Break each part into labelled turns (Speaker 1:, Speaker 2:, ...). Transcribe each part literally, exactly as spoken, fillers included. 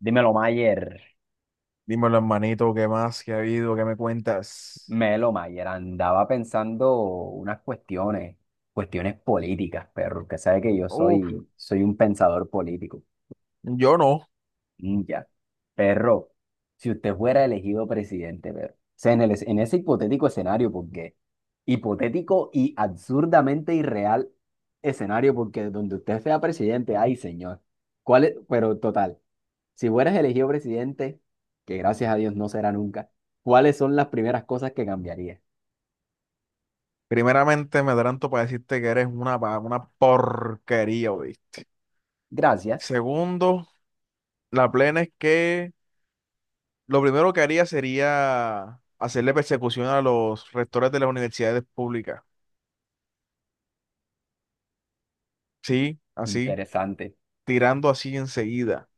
Speaker 1: Dímelo, Mayer.
Speaker 2: Dímelo, hermanito, ¿qué más? ¿Qué ha habido? ¿Qué me cuentas?
Speaker 1: Melo Mayer, andaba pensando unas cuestiones, cuestiones políticas, perro, que sabe que yo
Speaker 2: Uf,
Speaker 1: soy, soy un pensador político.
Speaker 2: yo no.
Speaker 1: Mm, ya. Perro, si usted fuera elegido presidente, perro, o sea, en el es- en ese hipotético escenario, porque hipotético y absurdamente irreal escenario, porque donde usted sea presidente, ay, señor. ¿Cuál es? Pero total. Si fueras elegido presidente, que gracias a Dios no será nunca, ¿cuáles son las primeras cosas que cambiarías?
Speaker 2: Primeramente, me adelanto para decirte que eres una, pa- una porquería, ¿oíste?
Speaker 1: Gracias.
Speaker 2: Segundo, la plena es que lo primero que haría sería hacerle persecución a los rectores de las universidades públicas. Sí, así,
Speaker 1: Interesante.
Speaker 2: tirando así enseguida.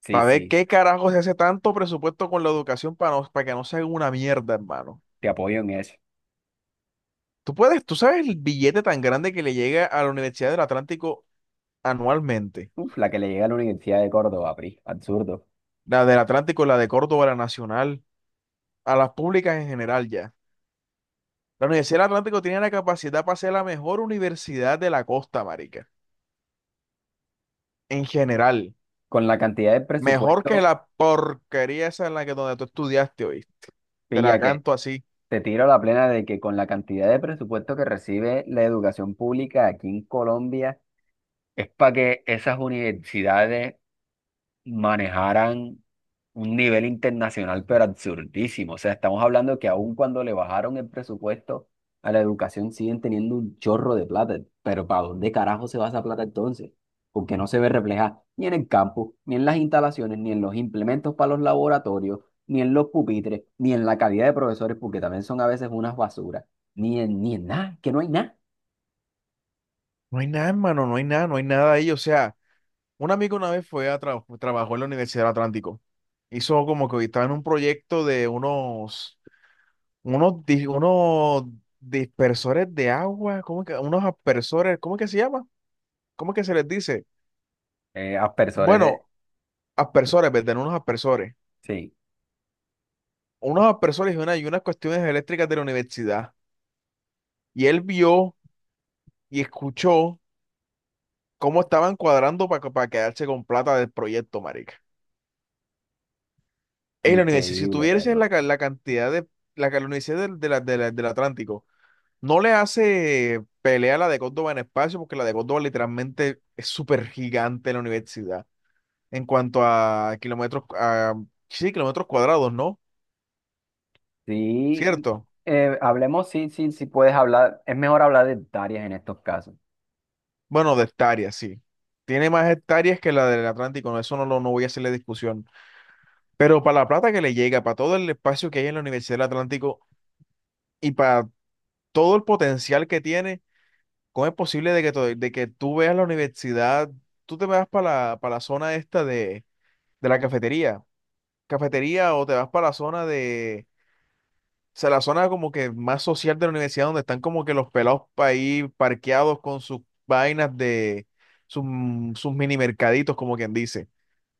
Speaker 1: Sí,
Speaker 2: Para ver
Speaker 1: sí,
Speaker 2: qué carajo se hace tanto presupuesto con la educación para, no- para que no sea una mierda, hermano.
Speaker 1: te apoyo en eso.
Speaker 2: Tú puedes, tú sabes el billete tan grande que le llega a la Universidad del Atlántico anualmente.
Speaker 1: Uf, la que le llega a la Universidad de Córdoba, P R I. Absurdo.
Speaker 2: La del Atlántico, la de Córdoba, la Nacional, a las públicas en general ya. La Universidad del Atlántico tiene la capacidad para ser la mejor universidad de la costa, marica. En general.
Speaker 1: Con la cantidad de
Speaker 2: Mejor que
Speaker 1: presupuesto,
Speaker 2: la porquería esa en la que donde tú estudiaste hoy. Te la
Speaker 1: pilla que
Speaker 2: canto así.
Speaker 1: te tiro la plena de que con la cantidad de presupuesto que recibe la educación pública aquí en Colombia, es para que esas universidades manejaran un nivel internacional, pero absurdísimo. O sea, estamos hablando que aun cuando le bajaron el presupuesto a la educación, siguen teniendo un chorro de plata. Pero ¿para dónde carajo se va esa plata entonces? Porque no se ve reflejada ni en el campo, ni en las instalaciones, ni en los implementos para los laboratorios, ni en los pupitres, ni en la calidad de profesores, porque también son a veces unas basuras, ni en, ni en nada, que no hay nada.
Speaker 2: No hay nada, hermano, no hay nada, no hay nada ahí. O sea, un amigo una vez fue a tra- trabajó en la Universidad del Atlántico. Hizo como que estaba en un proyecto de unos unos, di- unos dispersores de agua, ¿cómo que? Unos aspersores, ¿cómo que se llama? ¿Cómo que se les dice?
Speaker 1: Eh, aspersores de...
Speaker 2: Bueno, aspersores, ¿verdad? Unos aspersores.
Speaker 1: Sí,
Speaker 2: Unos aspersores y, una, y unas cuestiones eléctricas de la universidad. Y él vio y escuchó cómo estaban cuadrando para, para quedarse con plata del proyecto, marica. En la universidad, si
Speaker 1: increíble,
Speaker 2: tuviese
Speaker 1: perro.
Speaker 2: la, ca- la cantidad de, la, ca- la universidad del, de la- de la- del Atlántico, no le hace pelea a la de Córdoba en espacio, porque la de Córdoba literalmente es súper gigante la universidad en cuanto a kilómetros, a, sí, kilómetros cuadrados, ¿no?
Speaker 1: Sí,
Speaker 2: ¿Cierto?
Speaker 1: eh, hablemos, sí, sí, sí puedes hablar, es mejor hablar de hectáreas en estos casos.
Speaker 2: Bueno, de hectáreas, sí. Tiene más hectáreas que la del Atlántico, no, eso no, lo, no voy a hacerle discusión. Pero para la plata que le llega, para todo el espacio que hay en la Universidad del Atlántico y para todo el potencial que tiene, ¿cómo es posible de que, to- de que tú veas la universidad, tú te vas para la, para la zona esta de, de la cafetería? Cafetería o te vas para la zona de sea, la zona como que más social de la universidad, donde están como que los pelados pa' ahí parqueados con sus vainas de sus, mm, sus mini mercaditos, como quien dice,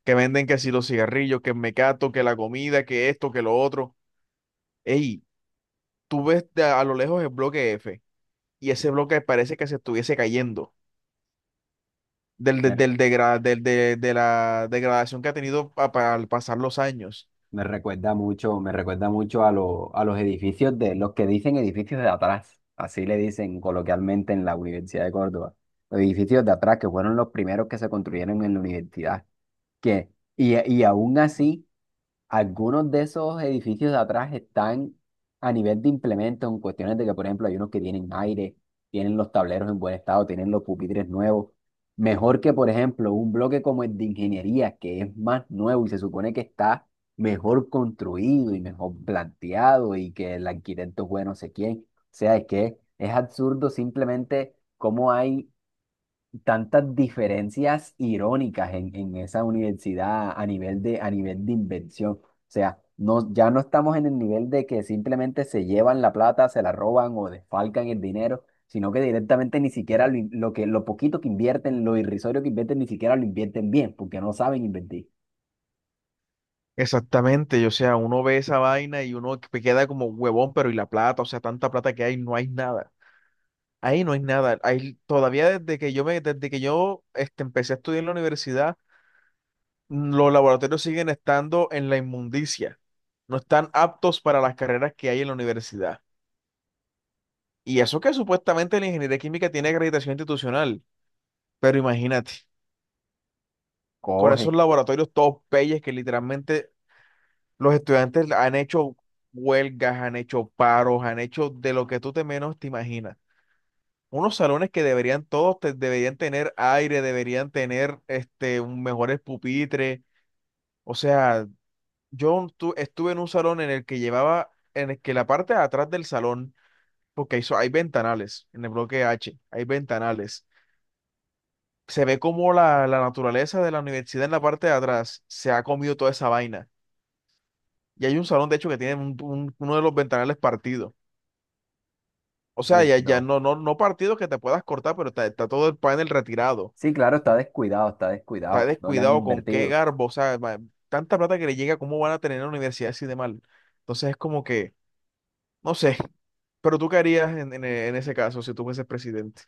Speaker 2: que venden que si los cigarrillos, que el mecato, que la comida, que esto, que lo otro. Ey, tú ves de a, a lo lejos el bloque F y ese bloque parece que se estuviese cayendo del,
Speaker 1: Me,
Speaker 2: del, del degra- del- de, de la degradación que ha tenido pa- pa- al pasar los años.
Speaker 1: me recuerda mucho, me recuerda mucho a, lo- a los edificios de los que dicen edificios de atrás, así le dicen coloquialmente en la Universidad de Córdoba. Los edificios de atrás que fueron los primeros que se construyeron en la universidad. Que, y, y aún así. Algunos de esos edificios de atrás están a nivel de implementos, en cuestiones de que, por ejemplo, hay unos que tienen aire, tienen los tableros en buen estado, tienen los pupitres nuevos. Mejor que, por ejemplo, un bloque como el de ingeniería, que es más nuevo y se supone que está mejor construido y mejor planteado y que el arquitecto fue no sé quién. O sea, es que es absurdo simplemente cómo hay tantas diferencias irónicas en, en esa universidad a nivel de, a nivel de invención. O sea, no, ya no estamos en el nivel de que simplemente se llevan la plata, se la roban o desfalcan el dinero, sino que directamente ni siquiera lo, in- lo que, lo poquito que invierten, lo irrisorio que invierten, ni siquiera lo invierten bien, porque no saben invertir.
Speaker 2: Exactamente, o sea, uno ve esa vaina y uno que queda como huevón, pero y la plata, o sea, tanta plata que hay, no hay nada. Ahí no hay nada. Ahí, todavía desde que yo me, desde que yo este, empecé a estudiar en la universidad, mm, los laboratorios siguen estando en la inmundicia. No están aptos para las carreras que hay en la universidad. Y eso que supuestamente la ingeniería química tiene acreditación institucional, pero imagínate, con esos
Speaker 1: Coge.
Speaker 2: laboratorios todos peyes que literalmente los estudiantes han hecho huelgas, han hecho paros, han hecho de lo que tú te menos te imaginas. Unos salones que deberían todos te- deberían tener aire, deberían tener este un mejores pupitres. O sea, yo tu- estuve en un salón en el que llevaba, en el que la parte de atrás del salón, porque hay, so- hay ventanales en el bloque H, hay ventanales. Se ve como la, la naturaleza de la universidad en la parte de atrás se ha comido toda esa vaina. Y hay un salón, de hecho, que tiene un- un- uno de los ventanales partido. O sea,
Speaker 1: Uf,
Speaker 2: ya, ya
Speaker 1: no.
Speaker 2: no, no, no partido que te puedas cortar, pero está, está todo el panel retirado.
Speaker 1: Sí, claro, está descuidado, está
Speaker 2: Está
Speaker 1: descuidado. No le han
Speaker 2: descuidado con qué
Speaker 1: invertido.
Speaker 2: garbo. O sea, ma- tanta plata que le llega, ¿cómo van a tener en la universidad así de mal? Entonces es como que, no sé. Pero tú qué harías en, en e- en ese caso si tú fueses presidente.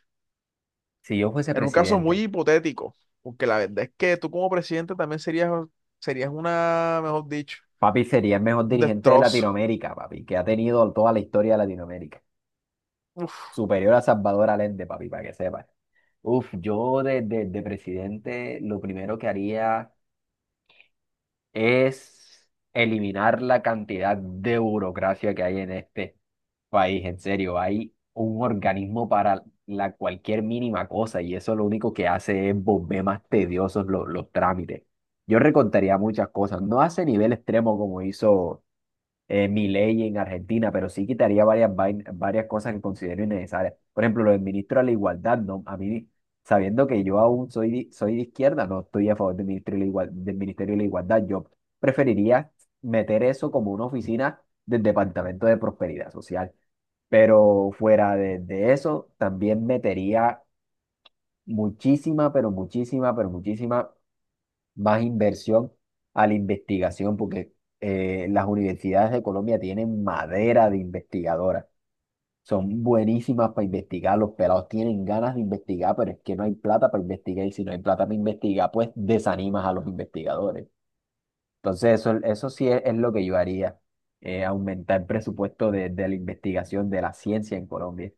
Speaker 1: Si yo fuese
Speaker 2: En un caso muy
Speaker 1: presidente.
Speaker 2: hipotético, porque la verdad es que tú como presidente también serías, serías una, mejor dicho,
Speaker 1: Papi sería el mejor
Speaker 2: un
Speaker 1: dirigente de
Speaker 2: destrozo.
Speaker 1: Latinoamérica, papi, que ha tenido toda la historia de Latinoamérica.
Speaker 2: Uf,
Speaker 1: Superior a Salvador Allende, papi, para que sepas. Uf, yo de, de- de presidente lo primero que haría es eliminar la cantidad de burocracia que hay en este país. En serio, hay un organismo para la cualquier mínima cosa y eso lo único que hace es volver más tediosos los, los trámites. Yo recortaría muchas cosas, no hace nivel extremo como hizo eh, mi ley en Argentina, pero sí quitaría varias, vain- varias cosas que considero innecesarias. Por ejemplo, lo del ministro de la Igualdad, ¿no? A mí, sabiendo que yo aún soy, di- soy de izquierda, no estoy a favor del ministro de la Igual- del Ministerio de la Igualdad. Yo preferiría meter eso como una oficina del Departamento de Prosperidad Social. Pero fuera de, de eso, también metería muchísima, pero muchísima, pero muchísima más inversión a la investigación, porque eh, las universidades de Colombia tienen madera de investigadoras. Son buenísimas para investigar, los pelados tienen ganas de investigar, pero es que no hay plata para investigar y si no hay plata para investigar, pues desanimas a los investigadores. Entonces, eso, eso sí es, es lo que yo haría, eh, aumentar el presupuesto de, de la investigación de la ciencia en Colombia.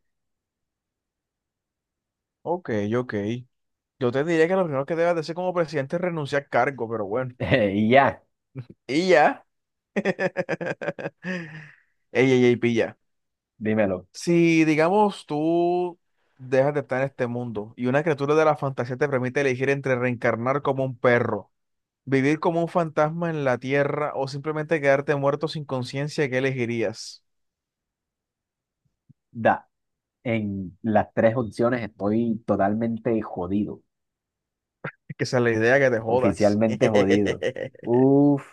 Speaker 2: ok, ok. Yo te diría que lo primero que debes de hacer como presidente es renunciar al cargo, pero bueno.
Speaker 1: Y ya,
Speaker 2: Y ya. Ey, ey, ey, pilla.
Speaker 1: dímelo,
Speaker 2: Si, digamos, tú dejas de estar en este mundo y una criatura de la fantasía te permite elegir entre reencarnar como un perro, vivir como un fantasma en la tierra o simplemente quedarte muerto sin conciencia, ¿qué elegirías?
Speaker 1: da, en las tres opciones estoy totalmente jodido.
Speaker 2: Es que esa es la idea que te jodas.
Speaker 1: Oficialmente jodido. Uf,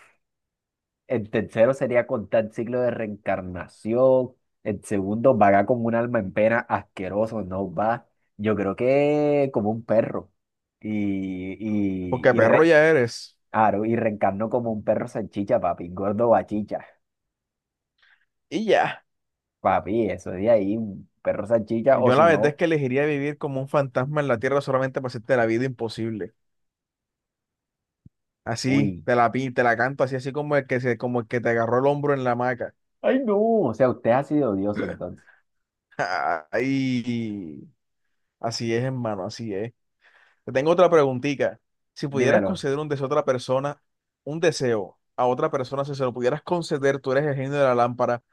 Speaker 1: el tercero sería contar el ciclo de reencarnación. El segundo, vagar como un alma en pena, asqueroso, no va. Yo creo que como un perro. Y, y,
Speaker 2: Porque
Speaker 1: y,
Speaker 2: perro
Speaker 1: re-
Speaker 2: ya eres.
Speaker 1: claro, y reencarno como un perro salchicha, papi, gordo bachicha.
Speaker 2: Y ya.
Speaker 1: Papi, eso de ahí, un perro salchicha, o
Speaker 2: Yo
Speaker 1: si
Speaker 2: la verdad es
Speaker 1: no,
Speaker 2: que elegiría vivir como un fantasma en la tierra solamente para hacerte la vida imposible. Así,
Speaker 1: uy.
Speaker 2: te la, pin- te la canto así, así como el que se, como el que te agarró el hombro en la hamaca.
Speaker 1: Ay, no, o sea, usted ha sido odioso entonces.
Speaker 2: Ay, así es, hermano, así es. Te tengo otra preguntita. Si pudieras
Speaker 1: Dímelo,
Speaker 2: conceder un deseo a otra persona, un deseo a otra persona, si se lo pudieras conceder, tú eres el genio de la lámpara,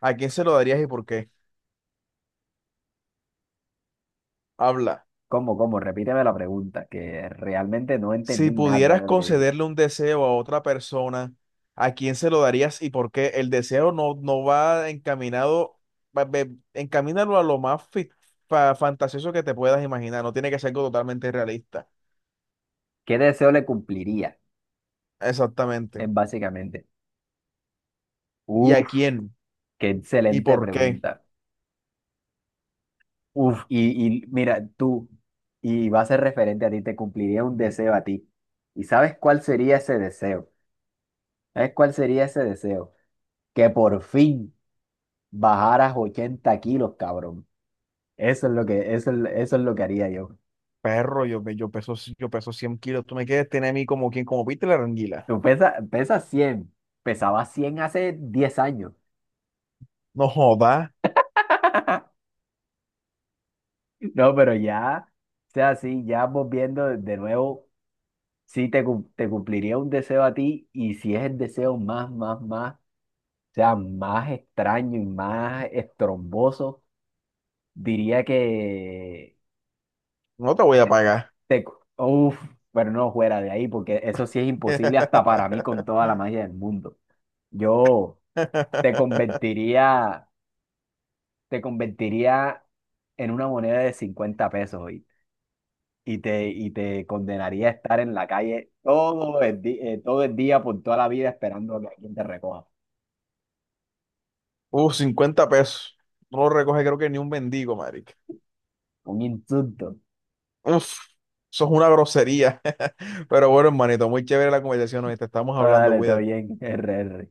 Speaker 2: ¿a quién se lo darías y por qué? Habla.
Speaker 1: ¿cómo, cómo? Repíteme la pregunta, que realmente no
Speaker 2: Si
Speaker 1: entendí nada
Speaker 2: pudieras
Speaker 1: de lo que dijiste.
Speaker 2: concederle un deseo a otra persona, ¿a quién se lo darías y por qué? El deseo no, no va encaminado, va- ve- encamínalo a lo más fi- fa- fantasioso que te puedas imaginar, no tiene que ser algo totalmente realista.
Speaker 1: ¿Qué deseo le cumpliría?
Speaker 2: Exactamente.
Speaker 1: Es básicamente.
Speaker 2: ¿Y a
Speaker 1: Uf,
Speaker 2: quién?
Speaker 1: qué
Speaker 2: ¿Y
Speaker 1: excelente
Speaker 2: por qué?
Speaker 1: pregunta. Uf, y, y mira, tú, y va a ser referente a ti, te cumpliría un deseo a ti. ¿Y sabes cuál sería ese deseo? ¿Sabes cuál sería ese deseo? Que por fin bajaras ochenta kilos, cabrón. Eso es lo que, eso, es- eso es lo que haría yo.
Speaker 2: Perro, yo, pe- yo peso, yo peso cien kilos, tú me quieres tener a mí como quien, como Peter la anguila.
Speaker 1: Tú pesas, pesas cien pesabas cien hace diez años.
Speaker 2: No jodas,
Speaker 1: No, pero ya, o sea, sí, ya volviendo de nuevo. Sí te, cum- te cumpliría un deseo a ti y si es el deseo más, más, más, o sea, más extraño y más estromboso, diría que
Speaker 2: no te voy a pagar.
Speaker 1: te... cu- Uf, pero no fuera de ahí porque eso sí es imposible hasta para mí con toda la magia del mundo. Yo te convertiría, te convertiría en una moneda de cincuenta pesos hoy. Y te, y te condenaría a estar en la calle todo el, di- eh, todo el día por toda la vida esperando a que alguien te recoja.
Speaker 2: Uf, cincuenta pesos. No lo recoge creo que ni un mendigo, marica.
Speaker 1: Un insulto.
Speaker 2: Uf, eso es una grosería. Pero bueno, hermanito, muy chévere la conversación, hoy te estamos hablando,
Speaker 1: Vale, todo
Speaker 2: cuídate.
Speaker 1: bien. R R.